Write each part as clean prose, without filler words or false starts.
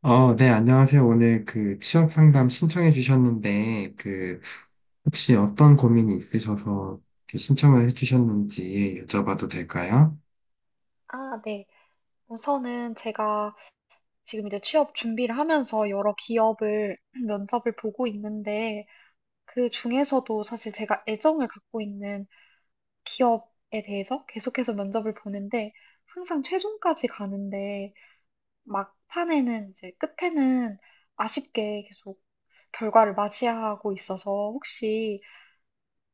네, 안녕하세요. 오늘 그 취업 상담 신청해 주셨는데, 그 혹시 어떤 고민이 있으셔서 이렇게 신청을 해 주셨는지 여쭤봐도 될까요? 아, 네. 우선은 제가 지금 이제 취업 준비를 하면서 여러 기업을 면접을 보고 있는데 그 중에서도 사실 제가 애정을 갖고 있는 기업에 대해서 계속해서 면접을 보는데 항상 최종까지 가는데 막판에는 이제 끝에는 아쉽게 계속 결과를 맞이하고 있어서 혹시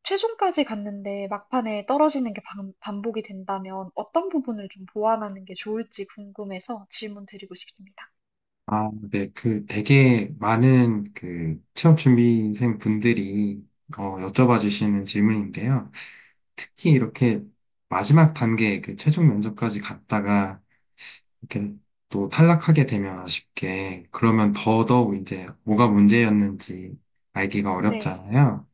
최종까지 갔는데 막판에 떨어지는 게 반복이 된다면 어떤 부분을 좀 보완하는 게 좋을지 궁금해서 질문 드리고 싶습니다. 아, 네, 그 되게 많은 그 취업 준비생 분들이 여쭤봐 주시는 질문인데요. 특히 이렇게 마지막 단계 그 최종 면접까지 갔다가 이렇게 또 탈락하게 되면 아쉽게 그러면 더더욱 이제 뭐가 문제였는지 알기가 네, 어렵잖아요.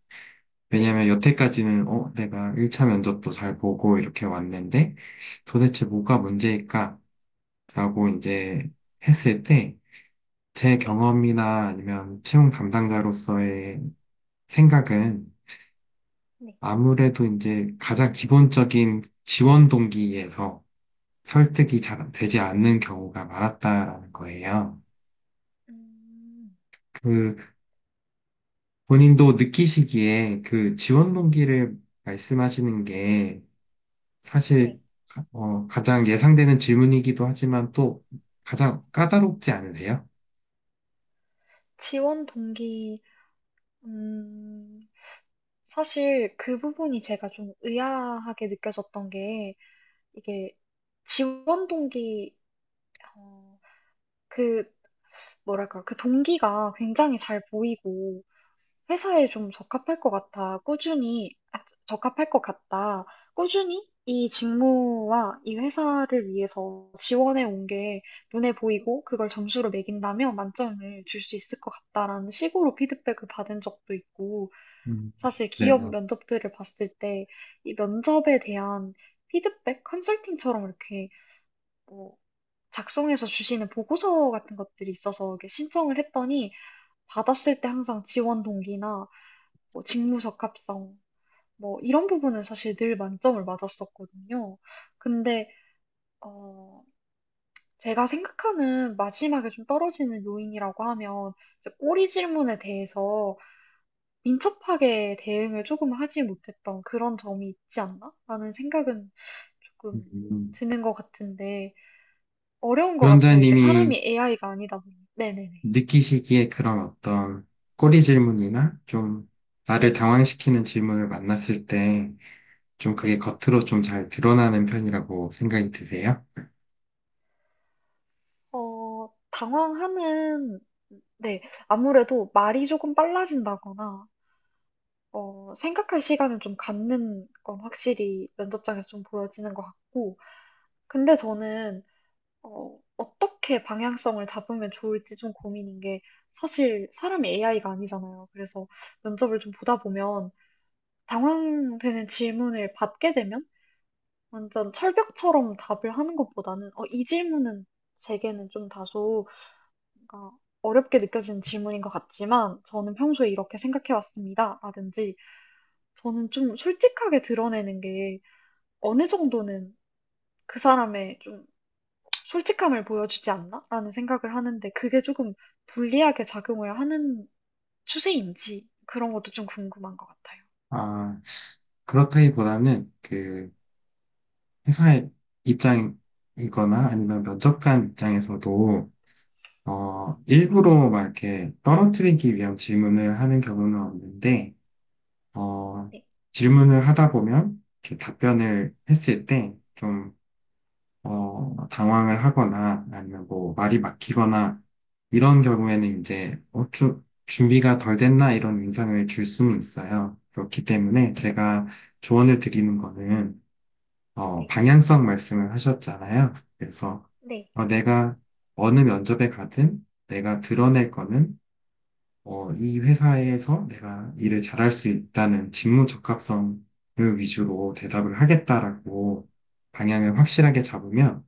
네, 왜냐면 여태까지는 내가 1차 면접도 잘 보고 이렇게 왔는데 도대체 뭐가 문제일까라고 이제 했을 때 제 네, 경험이나 아니면 채용 담당자로서의 생각은 네, 아무래도 이제 가장 기본적인 지원 동기에서 설득이 잘 되지 않는 경우가 많았다라는 거예요. 음, 그 본인도 느끼시기에 그 지원 동기를 말씀하시는 게 네. 사실 가장 예상되는 질문이기도 하지만 또 가장 까다롭지 않으세요? 지원 동기, 음, 사실 그 부분이 제가 좀 의아하게 느껴졌던 게, 이게 지원 동기, 어, 그, 뭐랄까, 그 동기가 굉장히 잘 보이고, 회사에 좀 적합할 것 같아. 꾸준히, 적합할 것 같다. 꾸준히 이 직무와 이 회사를 위해서 지원해 온 게 눈에 보이고 그걸 점수로 매긴다면 만점을 줄 수 있을 것 같다라는 식으로 피드백을 받은 적도 있고, 음, 사실 기업 내가 면접들을 봤을 때 이 면접에 대한 피드백 컨설팅처럼 이렇게 뭐 작성해서 주시는 보고서 같은 것들이 있어서 이렇게 신청을 했더니 받았을 때 항상 지원 동기나 뭐 직무적 합성, 뭐 이런 부분은 사실 늘 만점을 맞았었거든요. 근데 어, 제가 생각하는 마지막에 좀 떨어지는 요인이라고 하면 이제 꼬리 질문에 대해서 민첩하게 대응을 조금 하지 못했던 그런 점이 있지 않나? 라는 생각은 조금 음, 드는 것 같은데 어려운 것 같아요. 이게 위원장님이 사람이 AI가 아니다 보니. 네네네. 느끼시기에 그런 어떤 꼬리 질문이나 좀 나를 네. 당황시키는 질문을 만났을 때 좀 그게 네. 겉으로 좀 잘 드러나는 편이라고 생각이 드세요? 당황하는, 네, 아무래도 말이 조금 빨라진다거나, 생각할 시간을 좀 갖는 건 확실히 면접장에서 좀 보여지는 것 같고, 근데 저는, 어떻게 방향성을 잡으면 좋을지 좀 고민인 게, 사실 사람이 AI가 아니잖아요. 그래서 면접을 좀 보다 보면, 당황되는 질문을 받게 되면, 완전 철벽처럼 답을 하는 것보다는, 이 질문은 제게는 좀 다소 그러니까 어렵게 느껴지는 질문인 것 같지만 저는 평소에 이렇게 생각해 왔습니다. 라든지 저는 좀 솔직하게 드러내는 게 어느 정도는 그 사람의 좀 솔직함을 보여주지 않나? 라는 생각을 하는데 그게 조금 불리하게 작용을 하는 추세인지 그런 것도 좀 궁금한 것 같아요. 아, 그렇다기보다는 그 회사의 입장이거나 아니면 면접관 입장에서도 네, 일부러 막 이렇게 떨어뜨리기 위한 질문을 하는 경우는 없는데, 어, 네, 질문을 하다 보면 이렇게 답변을 했을 때 좀, 어, 당황을 하거나 아니면 뭐 말이 막히거나 이런 경우에는 이제 준비가 덜 됐나 이런 인상을 줄 수는 있어요. 그렇기 때문에 제가 조언을 드리는 거는 방향성 말씀을 하셨잖아요. 그래서 내가 어느 면접에 가든 내가 드러낼 거는 이 회사에서 내가 일을 잘할 수 있다는 직무 적합성을 위주로 대답을 하겠다라고 방향을 확실하게 잡으면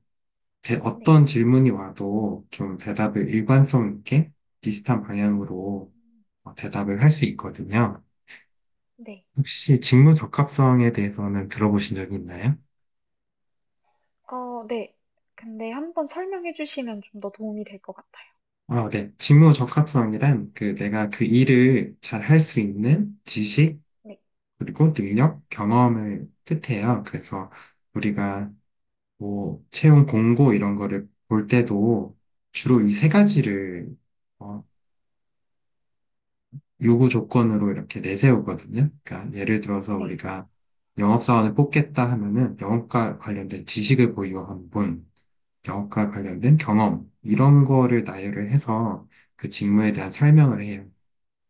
네. 어떤 질문이 와도 좀 대답을 일관성 있게 비슷한 방향으로 음, 대답을 할 수 있거든요. 네. 혹시 직무 적합성에 대해서는 들어보신 적이 있나요? 네. 근데 한번 설명해 주시면 좀 더 도움이 될 것 같아요. 아, 네. 직무 적합성이란 그 내가 그 일을 잘할 수 있는 지식, 네, 그리고 능력, 경험을 뜻해요. 그래서 네, 우리가 뭐 채용 공고 이런 거를 볼 때도 주로 이 세 네, 가지를 어, 요구 조건으로 이렇게 내세우거든요. 그러니까 예를 들어서 네. 우리가 영업사원을 뽑겠다 하면은 영업과 관련된 지식을 보유한 분, 영업과 음, 관련된 경험 이런 거를 나열을 해서 그 직무에 대한 설명을 해요.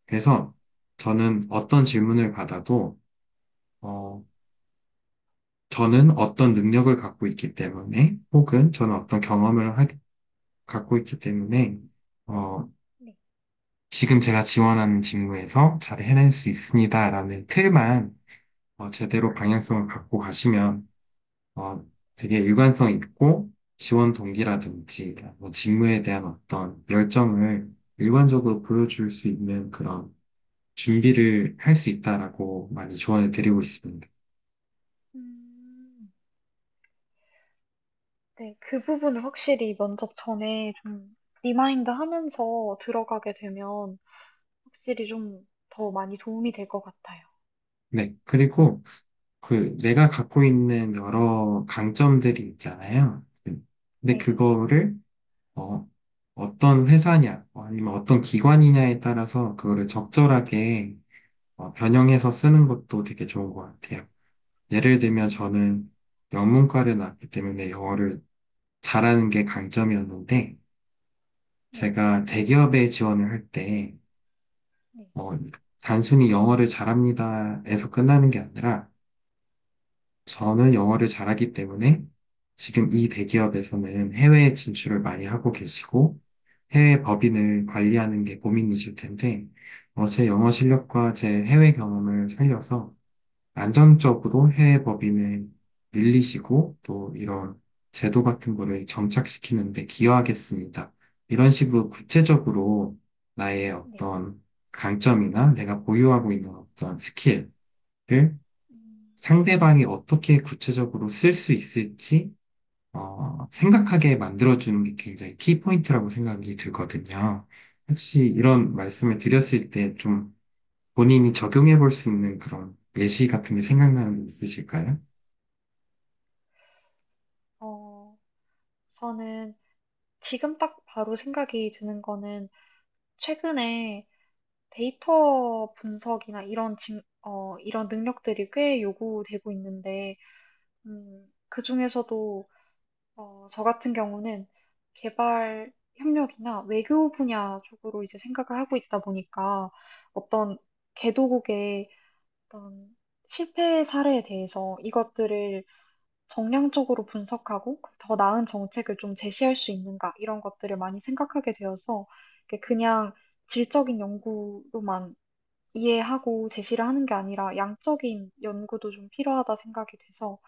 그래서 저는 어떤 질문을 받아도 어, 저는 어떤 능력을 갖고 있기 때문에 혹은 저는 네, 갖고 있기 때문에 어, 네. 지금 제가 지원하는 직무에서 잘 해낼 수 있습니다라는 틀만 제대로 방향성을 갖고 가시면 어, 되게 일관성 있고 지원 동기라든지 뭐 직무에 대한 어떤 열정을 일관적으로 보여줄 수 있는 그런 준비를 할 수 있다라고 많이 조언을 드리고 있습니다. 음, 네, 그 부분을 확실히 면접 전에 좀 리마인드 하면서 들어가게 되면 확실히 좀 더 많이 도움이 될 것 같아요. 네, 그리고 그 내가 갖고 있는 여러 강점들이 있잖아요. 네, 근데 네, 그거를 어, 어떤 회사냐, 아니면 어떤 기관이냐에 따라서 그거를 적절하게 변형해서 쓰는 것도 되게 좋은 것 같아요. 예를 들면 음, 저는 영문과를 나왔기 때문에 영어를 잘하는 게 강점이었는데, 네, 제가 대기업에 지원을 할 때, 네, 어, 단순히 영어를 잘합니다에서 끝나는 게 아니라, 저는 영어를 잘하기 때문에 지금 이 대기업에서는 해외에 진출을 많이 하고 계시고, 해외 법인을 음, 관리하는 게 고민이실 텐데, 제 영어 실력과 제 해외 경험을 살려서 안정적으로 해외 법인을 늘리시고, 또 이런 제도 음, 같은 거를 정착시키는 데 기여하겠습니다. 이런 식으로 구체적으로 나의 네. 어떤 강점이나 내가 보유하고 있는 어떤 스킬을 음, 상대방이 어떻게 구체적으로 쓸 수 있을지 음, 생각하게 만들어주는 게 굉장히 키포인트라고 생각이 들거든요. 혹시 이런 음, 말씀을 드렸을 때 좀 본인이 적용해 볼 수 있는 그런 예시 같은 게 생각나는 게 있으실까요? 어, 저는 지금 딱 바로 생각이 드는 거는 최근에 데이터 분석이나 이런 능력들이 꽤 요구되고 있는데 그중에서도 저 같은 경우는 개발 협력이나 외교 분야 쪽으로 이제 생각을 하고 있다 보니까 어떤 개도국의 어떤 실패 사례에 대해서 이것들을 정량적으로 분석하고 더 나은 정책을 좀 제시할 수 있는가 이런 것들을 많이 생각하게 되어서 이게 그냥 질적인 연구로만 이해하고 제시를 하는 게 아니라 양적인 연구도 좀 필요하다 생각이 돼서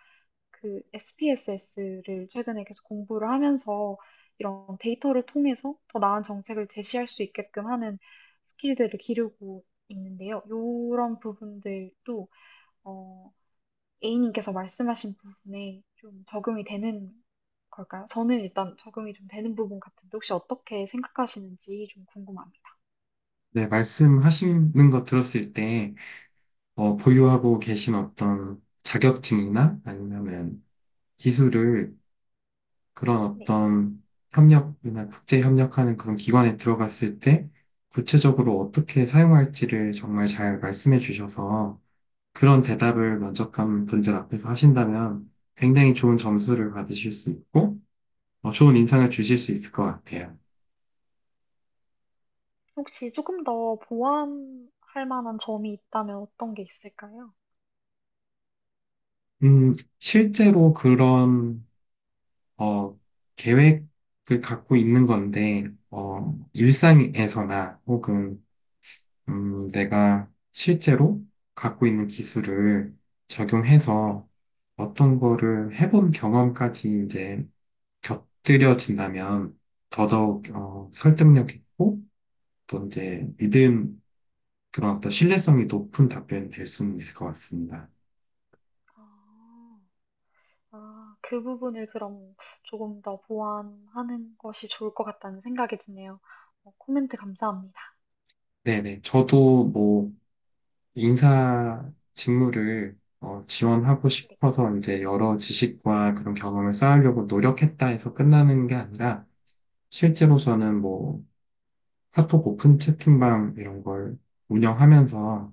그 SPSS를 최근에 계속 공부를 하면서 이런 데이터를 통해서 더 나은 정책을 제시할 수 있게끔 하는 스킬들을 기르고 있는데요. 이런 부분들도 어, A님께서 말씀하신 부분에 좀 적용이 되는 걸까요? 저는 일단 적용이 좀 되는 부분 같은데 혹시 어떻게 생각하시는지 좀 궁금합니다. 네, 말씀하시는 거 들었을 때, 보유하고 계신 어떤 자격증이나 아니면은 기술을 그런 네. 어떤 협력이나 국제 협력하는 그런 기관에 들어갔을 때 구체적으로 어떻게 사용할지를 정말 잘 말씀해 주셔서 그런 대답을 만족한 분들 앞에서 하신다면 굉장히 좋은 점수를 받으실 수 있고 어, 좋은 인상을 주실 수 있을 것 같아요. 혹시 조금 더 보완할 만한 점이 있다면 어떤 게 있을까요? 음, 실제로 그런 어, 계획을 갖고 있는 건데 어, 일상에서나 혹은 내가 실제로 갖고 있는 기술을 네. 적용해서 어떤 거를 해본 경험까지 이제 곁들여진다면 더더욱 음, 설득력 있고 또 이제 믿음 그런 어떤 신뢰성이 높은 답변이 될 수는 있을 것 같습니다. 아. 아, 그 부분을 그럼 조금 더 보완하는 것이 좋을 것 같다는 생각이 드네요. 코멘트 감사합니다. 네네. 저도 뭐 인사 직무를 지원하고 네, 싶어서 이제 여러 지식과 그런 경험을 쌓으려고 노력했다 해서 끝나는 게 아니라 실제로 네, 저는 뭐 카톡 오픈 채팅방 이런 걸 운영하면서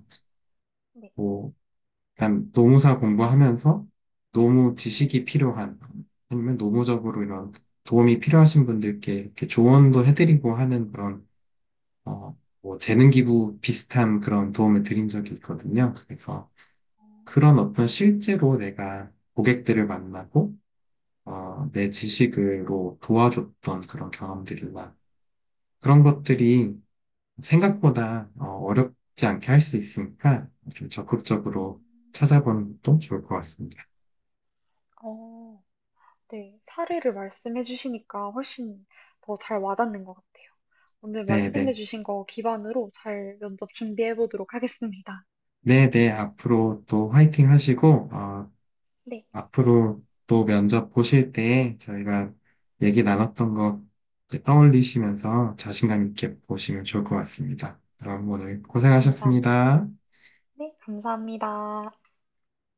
네, 뭐 약간 노무사 공부하면서 노무 네. 지식이 필요한 아니면 노무적으로 이런 도움이 필요하신 분들께 이렇게 조언도 해드리고 하는 그런 뭐 재능 기부 비슷한 그런 도움을 드린 적이 있거든요. 그래서 어, 그런 어떤 실제로 내가 고객들을 만나고 내 지식으로 도와줬던 그런 경험들이나 그런 것들이 생각보다 어렵지 않게 할 수 있으니까 좀 적극적으로 음, 찾아보는 것도 좋을 것 같습니다. 어, 네. 사례를 말씀해 주시니까 훨씬 더 잘 와닿는 것 같아요. 오늘 네, 네. 말씀해 주신 거 기반으로 잘 면접 준비해 보도록 하겠습니다. 네, 네, 앞으로 또 화이팅 하시고, 어, 네. 앞으로 또 면접 보실 때 저희가 얘기 나눴던 거 이제 떠올리시면서 자신감 있게 보시면 좋을 것 같습니다. 그럼 오늘 아, 감사합니다. 고생하셨습니다. 네. 감사합니다.